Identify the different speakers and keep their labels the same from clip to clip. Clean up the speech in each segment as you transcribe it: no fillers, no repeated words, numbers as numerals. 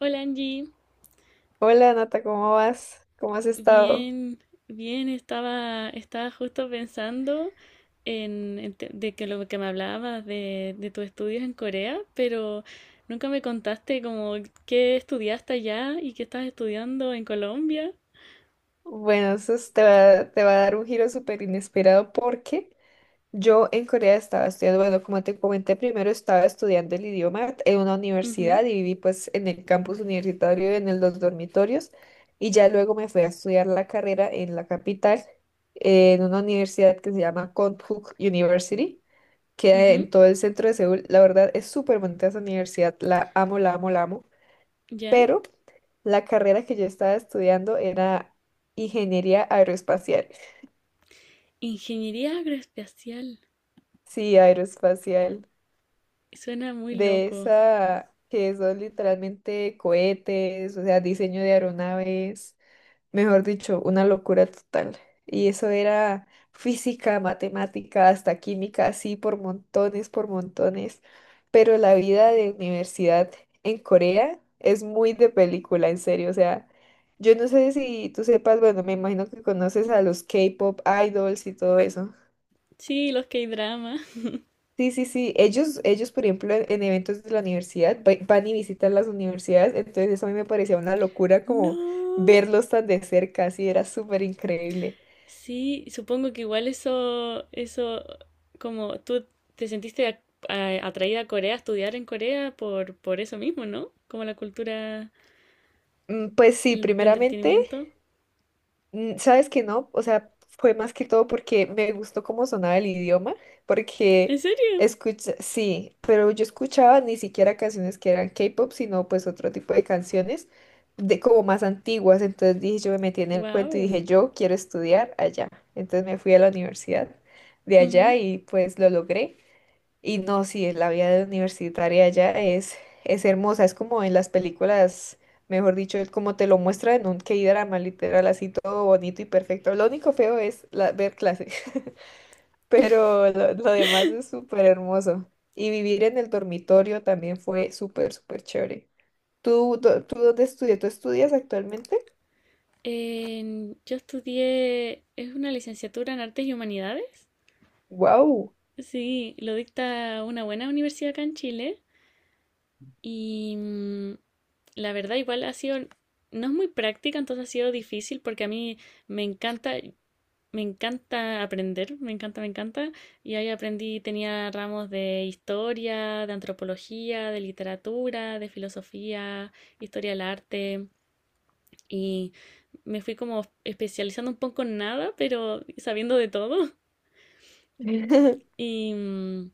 Speaker 1: Hola, Angie.
Speaker 2: Hola Nata, ¿cómo vas? ¿Cómo has estado?
Speaker 1: Bien, bien. Estaba justo pensando en de que lo que me hablabas de tus estudios en Corea, pero nunca me contaste como qué estudiaste allá y qué estás estudiando en Colombia.
Speaker 2: Bueno, te va a dar un giro súper inesperado porque yo en Corea estaba estudiando, bueno, como te comenté primero, estaba estudiando el idioma en una
Speaker 1: Ujú,
Speaker 2: universidad y viví pues en el campus universitario, los dormitorios, y ya luego me fui a estudiar la carrera en la capital, en una universidad que se llama Konkuk University, que
Speaker 1: ujú,
Speaker 2: en todo el centro de Seúl. La verdad es súper bonita esa universidad, la amo, la amo, la amo.
Speaker 1: ya.
Speaker 2: Pero la carrera que yo estaba estudiando era ingeniería aeroespacial.
Speaker 1: Ingeniería agroespacial.
Speaker 2: Sí, aeroespacial,
Speaker 1: Suena muy
Speaker 2: de
Speaker 1: loco.
Speaker 2: esa que son literalmente cohetes, o sea, diseño de aeronaves. Mejor dicho, una locura total. Y eso era física, matemática, hasta química, así por montones, por montones. Pero la vida de universidad en Corea es muy de película, en serio. O sea, yo no sé si tú sepas, bueno, me imagino que conoces a los K-pop idols y todo eso.
Speaker 1: Sí, los K-dramas.
Speaker 2: Sí, sí, sí. Ellos, por ejemplo, en eventos de la universidad van y visitan las universidades. Entonces eso a mí me parecía una locura como
Speaker 1: No.
Speaker 2: verlos tan de cerca, así era súper increíble.
Speaker 1: Sí, supongo que igual eso, como tú te sentiste atraída a Corea, a estudiar en Corea por eso mismo, ¿no? Como la cultura
Speaker 2: Pues sí,
Speaker 1: de
Speaker 2: primeramente,
Speaker 1: entretenimiento.
Speaker 2: sabes que no, o sea, fue más que todo porque me gustó cómo sonaba el idioma,
Speaker 1: ¿En
Speaker 2: porque
Speaker 1: serio?
Speaker 2: escucha, sí, pero yo escuchaba ni siquiera canciones que eran K-pop, sino pues otro tipo de canciones, de como más antiguas, entonces dije, yo me metí en el cuento y
Speaker 1: Wow.
Speaker 2: dije, yo quiero estudiar allá, entonces me fui a la universidad de allá y pues lo logré. Y no, sí, es la vida de universitaria allá es hermosa, es como en las películas, mejor dicho, es como te lo muestra en un K-drama, literal, así todo bonito y perfecto. Lo único feo es ver clases, pero lo demás es súper hermoso. Y vivir en el dormitorio también fue súper, súper chévere. Tú dónde estudias? ¿Tú estudias actualmente?
Speaker 1: Yo estudié, es una licenciatura en Artes y Humanidades.
Speaker 2: ¡Wow!
Speaker 1: Sí, lo dicta una buena universidad acá en Chile y la verdad igual ha sido, no es muy práctica, entonces ha sido difícil porque a mí me encanta. Me encanta aprender, me encanta, me encanta. Y ahí aprendí, tenía ramos de historia, de antropología, de literatura, de filosofía, historia del arte. Y me fui como especializando un poco en nada, pero sabiendo de todo. Y, mm,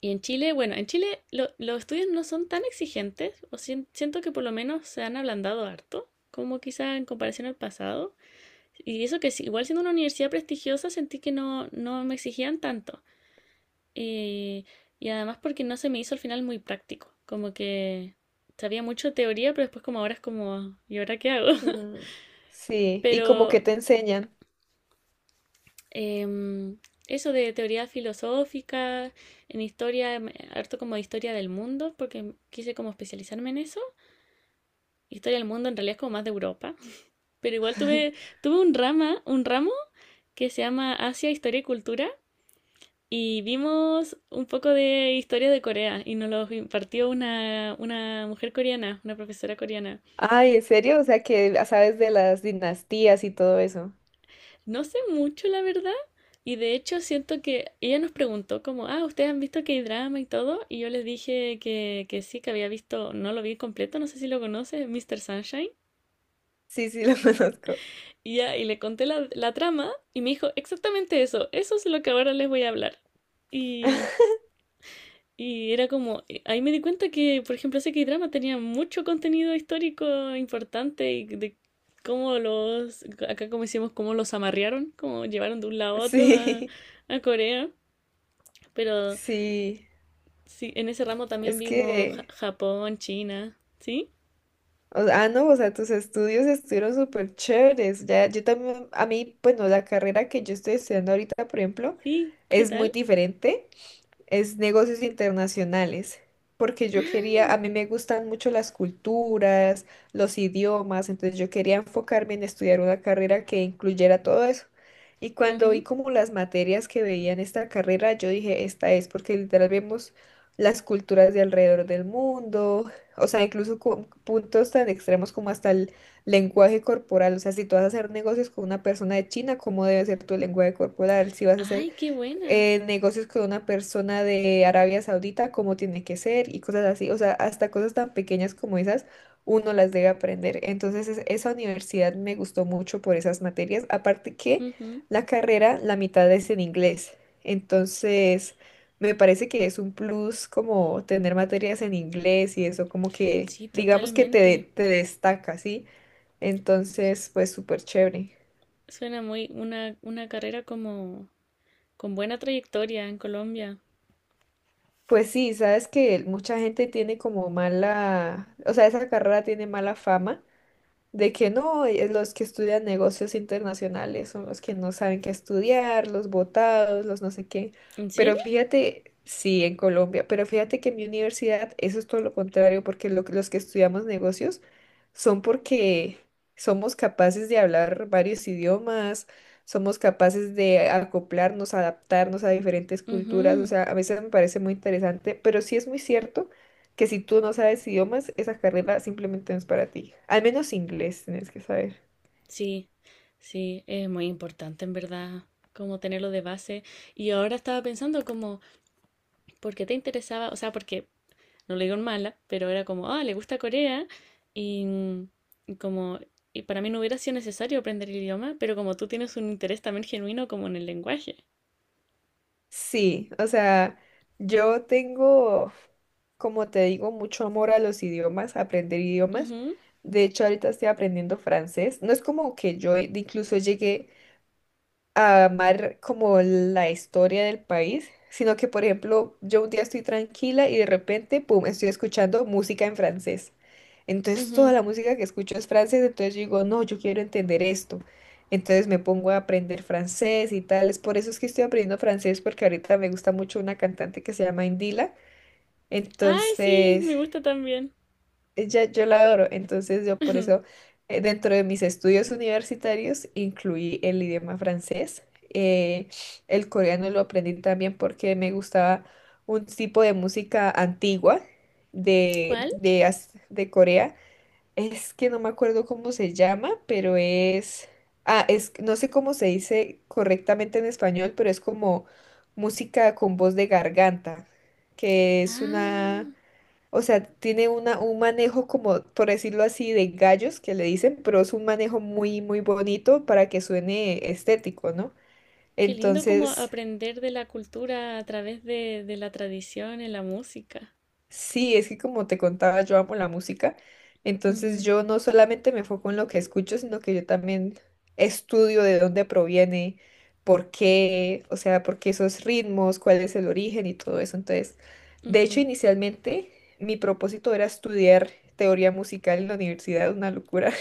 Speaker 1: y en Chile, bueno, en Chile los estudios no son tan exigentes, o siento que por lo menos se han ablandado harto, como quizá en comparación al pasado. Y eso que sí, igual siendo una universidad prestigiosa sentí que no me exigían tanto. Y, y además porque no se me hizo al final muy práctico. Como que sabía mucho teoría, pero después como ahora es como, ¿y ahora qué hago?
Speaker 2: Sí, y como
Speaker 1: Pero
Speaker 2: que te enseñan.
Speaker 1: em, eso de teoría filosófica, en historia, harto como de historia del mundo, porque quise como especializarme en eso. Historia del mundo en realidad es como más de Europa. Pero igual tuve un ramo que se llama Asia, Historia y Cultura. Y vimos un poco de historia de Corea y nos lo impartió una mujer coreana, una profesora coreana.
Speaker 2: Ay, ¿en serio? O sea que sabes de las dinastías y todo eso.
Speaker 1: No sé mucho, la verdad, y de hecho siento que ella nos preguntó como, ah, ¿ustedes han visto K-drama y todo? Y yo les dije que sí, que había visto, no lo vi completo, no sé si lo conoces, Mr. Sunshine.
Speaker 2: Sí, sí, lo conozco.
Speaker 1: Y, ya, le conté la trama y me dijo, exactamente eso es lo que ahora les voy a hablar. Y Y era como, ahí me di cuenta que, por ejemplo, ese K-drama tenía mucho contenido histórico importante y de cómo los, acá como decíamos, cómo los amarrearon, cómo llevaron de un lado a otro a,
Speaker 2: Sí,
Speaker 1: a Corea. Pero
Speaker 2: sí.
Speaker 1: sí, en ese ramo también
Speaker 2: Es
Speaker 1: vimos
Speaker 2: que,
Speaker 1: Japón, China. ¿Sí?
Speaker 2: no, o sea, tus estudios estuvieron súper chéveres. Ya, yo también, a mí, bueno, la carrera que yo estoy estudiando ahorita, por ejemplo,
Speaker 1: Sí, ¿qué
Speaker 2: es muy
Speaker 1: tal?
Speaker 2: diferente. Es negocios internacionales, porque yo quería,
Speaker 1: Ah,
Speaker 2: a mí me gustan mucho las culturas, los idiomas, entonces yo quería enfocarme en estudiar una carrera que incluyera todo eso. Y cuando vi
Speaker 1: ujú.
Speaker 2: como las materias que veía en esta carrera, yo dije, esta es, porque literal vemos las culturas de alrededor del mundo, o sea, incluso con puntos tan extremos como hasta el lenguaje corporal, o sea, si tú vas a hacer negocios con una persona de China, ¿cómo debe ser tu lenguaje corporal? Si vas a hacer
Speaker 1: Ay, qué buena.
Speaker 2: negocios con una persona de Arabia Saudita, cómo tiene que ser y cosas así. O sea, hasta cosas tan pequeñas como esas, uno las debe aprender. Entonces, esa universidad me gustó mucho por esas materias. Aparte que
Speaker 1: Ujú.
Speaker 2: la carrera, la mitad es en inglés. Entonces, me parece que es un plus como tener materias en inglés y eso como que,
Speaker 1: Sí,
Speaker 2: digamos que te,
Speaker 1: totalmente.
Speaker 2: te destaca, ¿sí? Entonces, pues súper chévere.
Speaker 1: Suena muy una carrera como con buena trayectoria en Colombia.
Speaker 2: Pues sí, sabes que mucha gente tiene como mala, o sea, esa carrera tiene mala fama de que no, los que estudian negocios internacionales son los que no saben qué estudiar, los botados, los no sé qué.
Speaker 1: ¿En
Speaker 2: Pero
Speaker 1: serio?
Speaker 2: fíjate, sí, en Colombia, pero fíjate que en mi universidad eso es todo lo contrario, porque los que estudiamos negocios son porque somos capaces de hablar varios idiomas, somos capaces de acoplarnos, adaptarnos a diferentes culturas. O
Speaker 1: Ujú.
Speaker 2: sea, a veces me parece muy interesante, pero sí es muy cierto que si tú no sabes idiomas, esa carrera simplemente no es para ti. Al menos inglés tienes que saber.
Speaker 1: Sí, sí, es muy importante en verdad como tenerlo de base. Y ahora estaba pensando como, ¿por qué te interesaba? O sea, porque no lo digo en mala, pero era como, ah, le gusta Corea y, mm, y como, y para mí no hubiera sido necesario aprender el idioma, pero como tú tienes un interés también genuino como en el lenguaje.
Speaker 2: Sí, o sea, yo tengo, como te digo, mucho amor a los idiomas, a aprender idiomas. De hecho, ahorita estoy aprendiendo francés. No es como que yo incluso llegué a amar como la historia del país, sino que, por ejemplo, yo un día estoy tranquila y de repente, pum, estoy escuchando música en francés.
Speaker 1: Ujú,
Speaker 2: Entonces
Speaker 1: ujú.
Speaker 2: toda la música que escucho es francés, entonces yo digo, no, yo quiero entender esto. Entonces me pongo a aprender francés y tal. Es por eso es que estoy aprendiendo francés, porque ahorita me gusta mucho una cantante que se llama Indila.
Speaker 1: Ay, sí, me
Speaker 2: Entonces,
Speaker 1: gusta también.
Speaker 2: ella, yo la adoro, entonces yo por eso dentro de mis estudios universitarios incluí el idioma francés. eh, el coreano lo aprendí también porque me gustaba un tipo de música antigua
Speaker 1: ¿Cuál?
Speaker 2: de Corea. Es que no me acuerdo cómo se llama, pero es... Ah, es, no sé cómo se dice correctamente en español, pero es como música con voz de garganta, que es
Speaker 1: Ah,
Speaker 2: una... O sea, tiene una, un manejo como, por decirlo así, de gallos que le dicen, pero es un manejo muy, muy bonito para que suene estético, ¿no?
Speaker 1: qué lindo como
Speaker 2: Entonces,
Speaker 1: aprender de la cultura a través de la tradición en la música.
Speaker 2: sí, es que como te contaba, yo amo la música. Entonces,
Speaker 1: Ujú.
Speaker 2: yo no solamente me enfoco en lo que escucho, sino que yo también estudio de dónde proviene, por qué, o sea, por qué esos ritmos, cuál es el origen y todo eso. Entonces, de hecho,
Speaker 1: Ujú.
Speaker 2: inicialmente mi propósito era estudiar teoría musical en la universidad, una locura.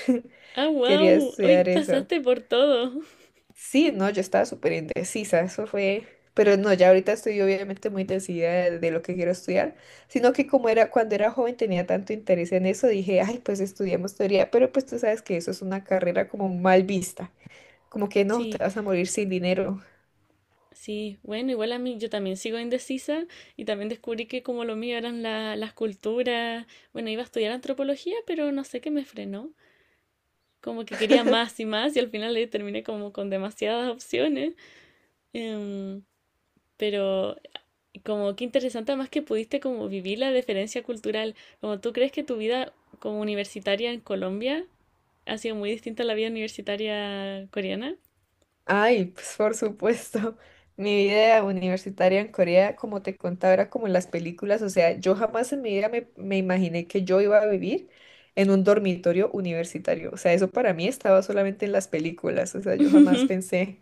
Speaker 1: Ah,
Speaker 2: Quería
Speaker 1: wow, hoy
Speaker 2: estudiar eso.
Speaker 1: pasaste por todo.
Speaker 2: Sí, no, yo estaba súper indecisa, eso fue... Pero no, ya ahorita estoy obviamente muy decidida de lo que quiero estudiar, sino que como era cuando era joven tenía tanto interés en eso, dije, ay, pues estudiamos teoría, pero pues tú sabes que eso es una carrera como mal vista, como que no, te
Speaker 1: Sí,
Speaker 2: vas a morir sin dinero.
Speaker 1: sí, bueno, igual a mí yo también sigo indecisa y también descubrí que como lo mío eran las culturas, bueno, iba a estudiar antropología, pero no sé qué me frenó. Como que quería más y más y al final terminé como con demasiadas opciones. Em, pero como que interesante más que pudiste como vivir la diferencia cultural, como tú crees que tu vida como universitaria en Colombia ha sido muy distinta a la vida universitaria coreana.
Speaker 2: Ay, pues por supuesto. Mi vida universitaria en Corea, como te contaba, era como en las películas. O sea, yo jamás en mi vida me imaginé que yo iba a vivir en un dormitorio universitario. O sea, eso para mí estaba solamente en las películas. O sea, yo jamás pensé.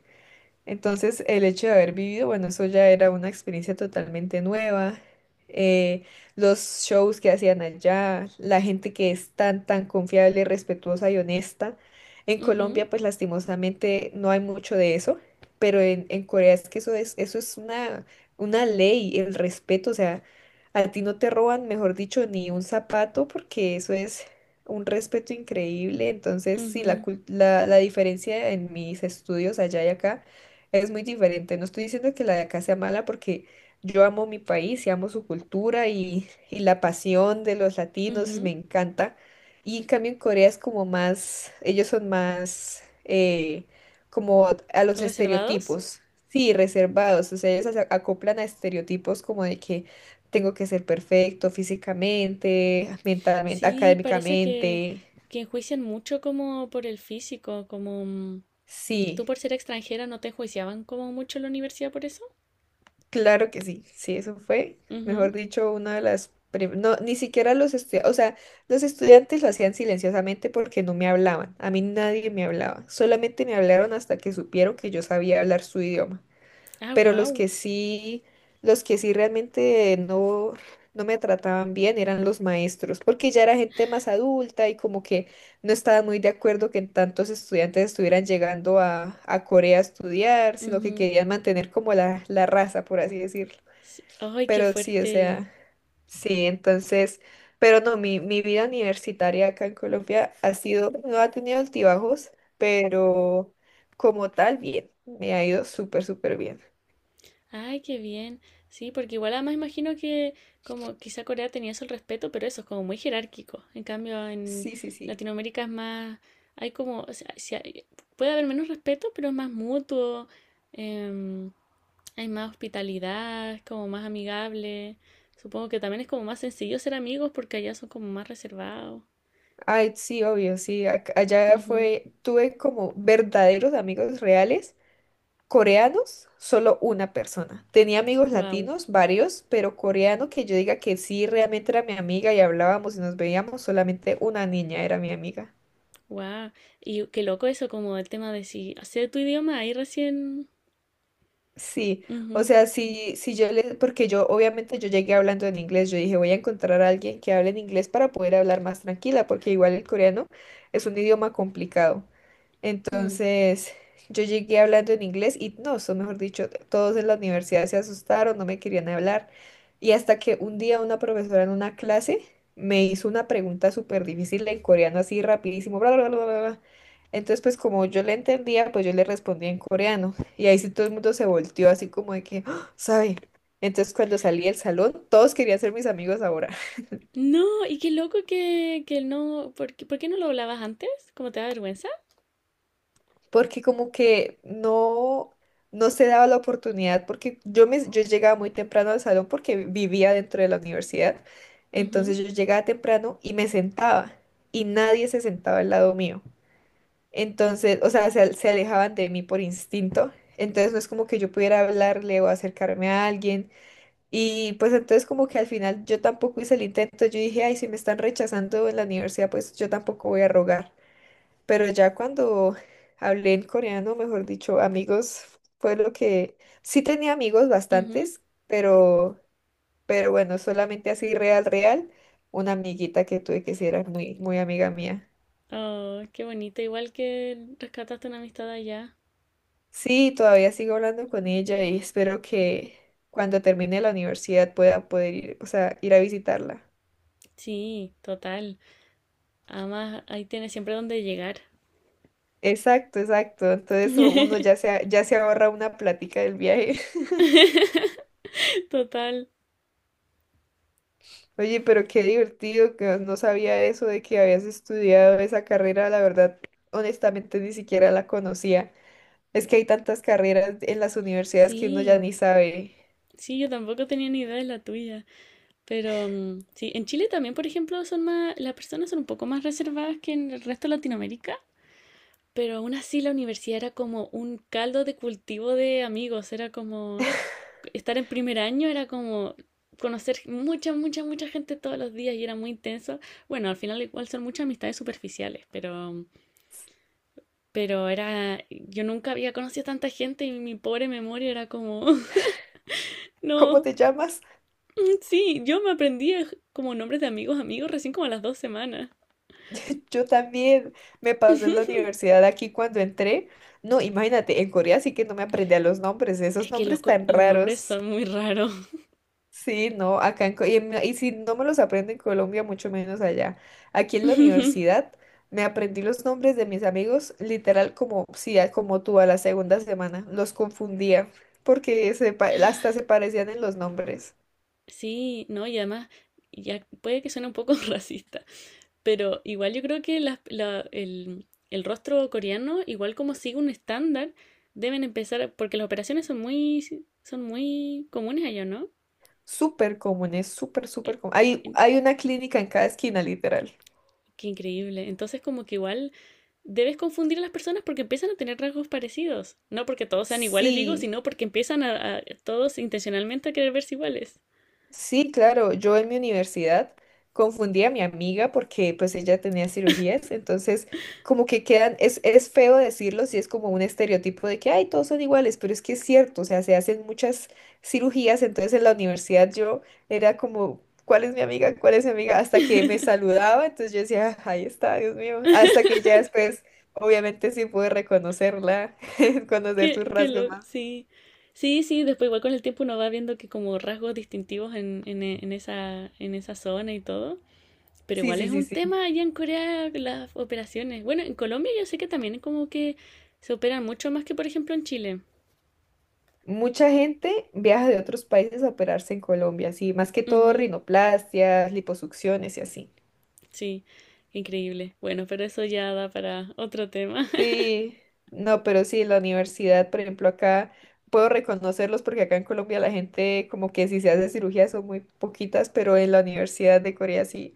Speaker 2: Entonces, el hecho de haber vivido, bueno, eso ya era una experiencia totalmente nueva. eh, los shows que hacían allá, la gente que es tan, tan confiable, respetuosa y honesta. En
Speaker 1: Ujú,
Speaker 2: Colombia, pues lastimosamente no hay mucho de eso, pero en Corea es que eso es una ley, el respeto. O sea, a ti no te roban, mejor dicho, ni un zapato, porque eso es un respeto increíble. Entonces, sí,
Speaker 1: ujú,
Speaker 2: la diferencia en mis estudios allá y acá es muy diferente. No estoy diciendo que la de acá sea mala porque yo amo mi país y amo su cultura, y, y la pasión de los latinos me
Speaker 1: ujú.
Speaker 2: encanta. Y en cambio en Corea es como más, ellos son más como a los
Speaker 1: ¿Reservados?
Speaker 2: estereotipos, sí, reservados. O sea, ellos se acoplan a estereotipos como de que tengo que ser perfecto físicamente, mentalmente,
Speaker 1: Sí, parece que,
Speaker 2: académicamente.
Speaker 1: que enjuician mucho como por el físico, como. ¿Tú
Speaker 2: Sí.
Speaker 1: por ser extranjera no te enjuiciaban como mucho en la universidad por eso?
Speaker 2: Claro que sí, sí, eso fue, mejor
Speaker 1: Ujú.
Speaker 2: dicho, una de las... No, ni siquiera los estudiantes, o sea, los estudiantes lo hacían silenciosamente porque no me hablaban, a mí nadie me hablaba, solamente me hablaron hasta que supieron que yo sabía hablar su idioma.
Speaker 1: Ah,
Speaker 2: Pero
Speaker 1: wow.
Speaker 2: los que sí realmente no me trataban bien eran los maestros, porque ya era gente más adulta y como que no estaba muy de acuerdo que tantos estudiantes estuvieran llegando a Corea a estudiar, sino que querían mantener como la raza, por así decirlo.
Speaker 1: Ay, qué
Speaker 2: Pero sí, o
Speaker 1: fuerte.
Speaker 2: sea, sí, entonces, pero no, mi vida universitaria acá en Colombia ha sido, no ha tenido altibajos, pero como tal, bien, me ha ido súper, súper bien.
Speaker 1: Ay, qué bien. Sí, porque igual además imagino que como quizá Corea tenía eso el respeto, pero eso es como muy jerárquico. En cambio, en
Speaker 2: Sí, sí, sí.
Speaker 1: Latinoamérica es más, hay como, o sea, si puede haber menos respeto, pero es más mutuo, em, hay más hospitalidad, es como más amigable. Supongo que también es como más sencillo ser amigos porque allá son como más reservados.
Speaker 2: Ay, sí, obvio, sí. Allá fue, tuve como verdaderos amigos reales. Coreanos, solo una persona. Tenía amigos
Speaker 1: Wow,
Speaker 2: latinos, varios, pero coreano que yo diga que sí, realmente era mi amiga y hablábamos y nos veíamos, solamente una niña era mi amiga.
Speaker 1: wow. Y qué loco eso como el tema de si hacer tu idioma ahí recién.
Speaker 2: Sí, o
Speaker 1: Ujú.
Speaker 2: sea, sí, sí yo le, porque yo obviamente yo llegué hablando en inglés, yo dije voy a encontrar a alguien que hable en inglés para poder hablar más tranquila, porque igual el coreano es un idioma complicado.
Speaker 1: Mm.
Speaker 2: Entonces, yo llegué hablando en inglés y no, o mejor dicho, todos en la universidad se asustaron, no me querían hablar. Y hasta que un día una profesora en una clase me hizo una pregunta súper difícil en coreano, así rapidísimo, bla, bla, bla, bla, bla. Entonces, pues como yo le entendía, pues yo le respondía en coreano. Y ahí sí todo el mundo se volteó así como de que, "Ah, ¿sabe?" Entonces, cuando salí del salón, todos querían ser mis amigos ahora.
Speaker 1: No, y qué loco que no. ¿Por qué no lo hablabas antes? ¿Cómo te da vergüenza?
Speaker 2: Porque como que no, no se daba la oportunidad, porque yo llegaba muy temprano al salón porque vivía dentro de la universidad, entonces
Speaker 1: Ujú,
Speaker 2: yo llegaba temprano y me sentaba y nadie se sentaba al lado mío. Entonces, o sea, se alejaban de mí por instinto, entonces no es como que yo pudiera hablarle o acercarme a alguien. Y pues entonces como que al final yo tampoco hice el intento, yo dije, ay, si me están rechazando en la universidad, pues yo tampoco voy a rogar. Pero ya cuando hablé en coreano, mejor dicho, amigos, fue lo que sí tenía amigos
Speaker 1: ujú.
Speaker 2: bastantes, pero, pero bueno, solamente así real, real, una amiguita que tuve que sí era muy, muy amiga mía.
Speaker 1: Oh, qué bonito. Igual que rescataste una amistad allá.
Speaker 2: Sí, todavía sigo hablando con ella y espero que cuando termine la universidad pueda poder ir, o sea, ir a visitarla.
Speaker 1: Sí, total. Además, ahí tienes siempre donde llegar.
Speaker 2: Exacto, exacto. Entonces uno ya ya se ahorra una plática del viaje.
Speaker 1: Total.
Speaker 2: Oye, pero qué divertido que no sabía eso de que habías estudiado esa carrera. La verdad, honestamente, ni siquiera la conocía. Es que hay tantas carreras en las universidades que uno ya
Speaker 1: Sí,
Speaker 2: ni sabe.
Speaker 1: sí, yo tampoco tenía ni idea de la tuya. Pero sí, en Chile también, por ejemplo, son más, las personas son un poco más reservadas que en el resto de Latinoamérica. Pero aún así la universidad era como un caldo de cultivo de amigos, era como, estar en primer año era como conocer mucha, mucha, mucha gente todos los días y era muy intenso. Bueno, al final igual son muchas amistades superficiales, pero era, yo nunca había conocido a tanta gente y mi pobre memoria era como,
Speaker 2: ¿Cómo
Speaker 1: no,
Speaker 2: te llamas?
Speaker 1: sí, yo me aprendí como nombres de amigos recién como a las 2 semanas.
Speaker 2: Yo también me pasó en la universidad aquí cuando entré. No, imagínate, en Corea sí que no me aprendí a los nombres, esos
Speaker 1: Es que los,
Speaker 2: nombres tan
Speaker 1: los nombres
Speaker 2: raros.
Speaker 1: son muy raros.
Speaker 2: Sí, no, acá en, si no me los aprendo en Colombia, mucho menos allá. Aquí en la universidad me aprendí los nombres de mis amigos, literal como sí, como tú a la segunda semana, los confundía porque hasta se parecían en los nombres.
Speaker 1: Sí, no, y además, ya puede que suene un poco racista. Pero igual yo creo que el rostro coreano, igual como sigue un estándar, deben empezar, porque las operaciones son muy, si, son muy comunes allá, ¿no?
Speaker 2: Súper comunes, súper,
Speaker 1: Eh,
Speaker 2: súper comunes. Hay,
Speaker 1: en-
Speaker 2: hay una clínica en cada esquina, literal.
Speaker 1: qué increíble. Entonces como que igual debes confundir a las personas porque empiezan a tener rasgos parecidos. No porque todos sean iguales, digo,
Speaker 2: Sí.
Speaker 1: sino porque empiezan a todos intencionalmente a querer verse iguales.
Speaker 2: Sí, claro, yo en mi universidad confundí a mi amiga porque pues ella tenía cirugías, entonces como que quedan, es feo decirlo, si es como un estereotipo de que, ay, todos son iguales, pero es que es cierto, o sea, se hacen muchas cirugías, entonces en la universidad yo era como, ¿cuál es mi amiga? ¿Cuál es mi amiga? Hasta que me saludaba, entonces yo decía, "Ah, ahí está, Dios mío", hasta que ya después, obviamente sí pude reconocerla, conocer sus
Speaker 1: Qué
Speaker 2: rasgos
Speaker 1: loco,
Speaker 2: más.
Speaker 1: sí. Sí, sí, después igual con el tiempo uno va viendo que como rasgos distintivos en esa zona y todo. Pero
Speaker 2: Sí,
Speaker 1: igual
Speaker 2: sí,
Speaker 1: es
Speaker 2: sí,
Speaker 1: un
Speaker 2: sí.
Speaker 1: tema allá en Corea las operaciones. Bueno, en Colombia yo sé que también como que se operan mucho más que por ejemplo en Chile.
Speaker 2: Mucha gente viaja de otros países a operarse en Colombia, sí, más que todo
Speaker 1: Ujú,
Speaker 2: rinoplastias, liposucciones y así.
Speaker 1: sí, increíble. Bueno, pero eso ya da para otro tema.
Speaker 2: Sí, no, pero sí, la universidad, por ejemplo, acá puedo reconocerlos porque acá en Colombia la gente como que si se hace cirugía son muy poquitas, pero en la Universidad de Corea sí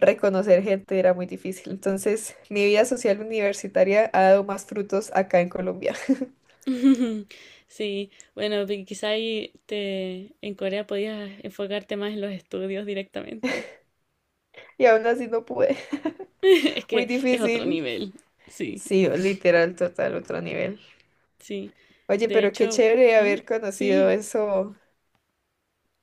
Speaker 2: reconocer gente era muy difícil. Entonces, mi vida social universitaria ha dado más frutos acá en Colombia
Speaker 1: Sí, bueno, quizá ahí en Corea podías enfocarte más en los estudios directamente.
Speaker 2: y aún así no pude.
Speaker 1: Es
Speaker 2: Muy
Speaker 1: que es otro
Speaker 2: difícil.
Speaker 1: nivel. Sí,
Speaker 2: Sí, literal, total, otro nivel.
Speaker 1: sí.
Speaker 2: Oye,
Speaker 1: De
Speaker 2: pero qué
Speaker 1: hecho,
Speaker 2: chévere
Speaker 1: ¿mm?
Speaker 2: haber conocido
Speaker 1: Sí,
Speaker 2: eso,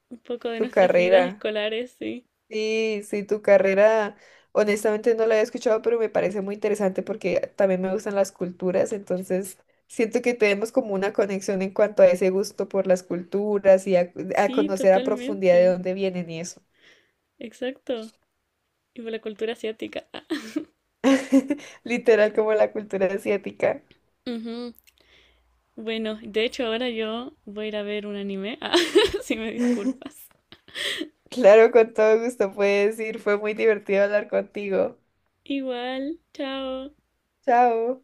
Speaker 1: un poco de
Speaker 2: tu
Speaker 1: nuestras vidas
Speaker 2: carrera.
Speaker 1: escolares, sí.
Speaker 2: Sí, sí, tu carrera, honestamente no la había escuchado, pero me parece muy interesante porque también me gustan las culturas, entonces siento que tenemos como una conexión en cuanto a ese gusto por las culturas y a
Speaker 1: Sí,
Speaker 2: conocer a profundidad de
Speaker 1: totalmente.
Speaker 2: dónde vienen y eso.
Speaker 1: Exacto. Y por la cultura asiática. Ah.
Speaker 2: Literal como la cultura asiática.
Speaker 1: Ujú. Bueno, de hecho ahora yo voy a ir a ver un anime. Ah, si me disculpas.
Speaker 2: Claro, con todo gusto puedes ir, fue muy divertido hablar contigo.
Speaker 1: Igual, chao.
Speaker 2: Chao.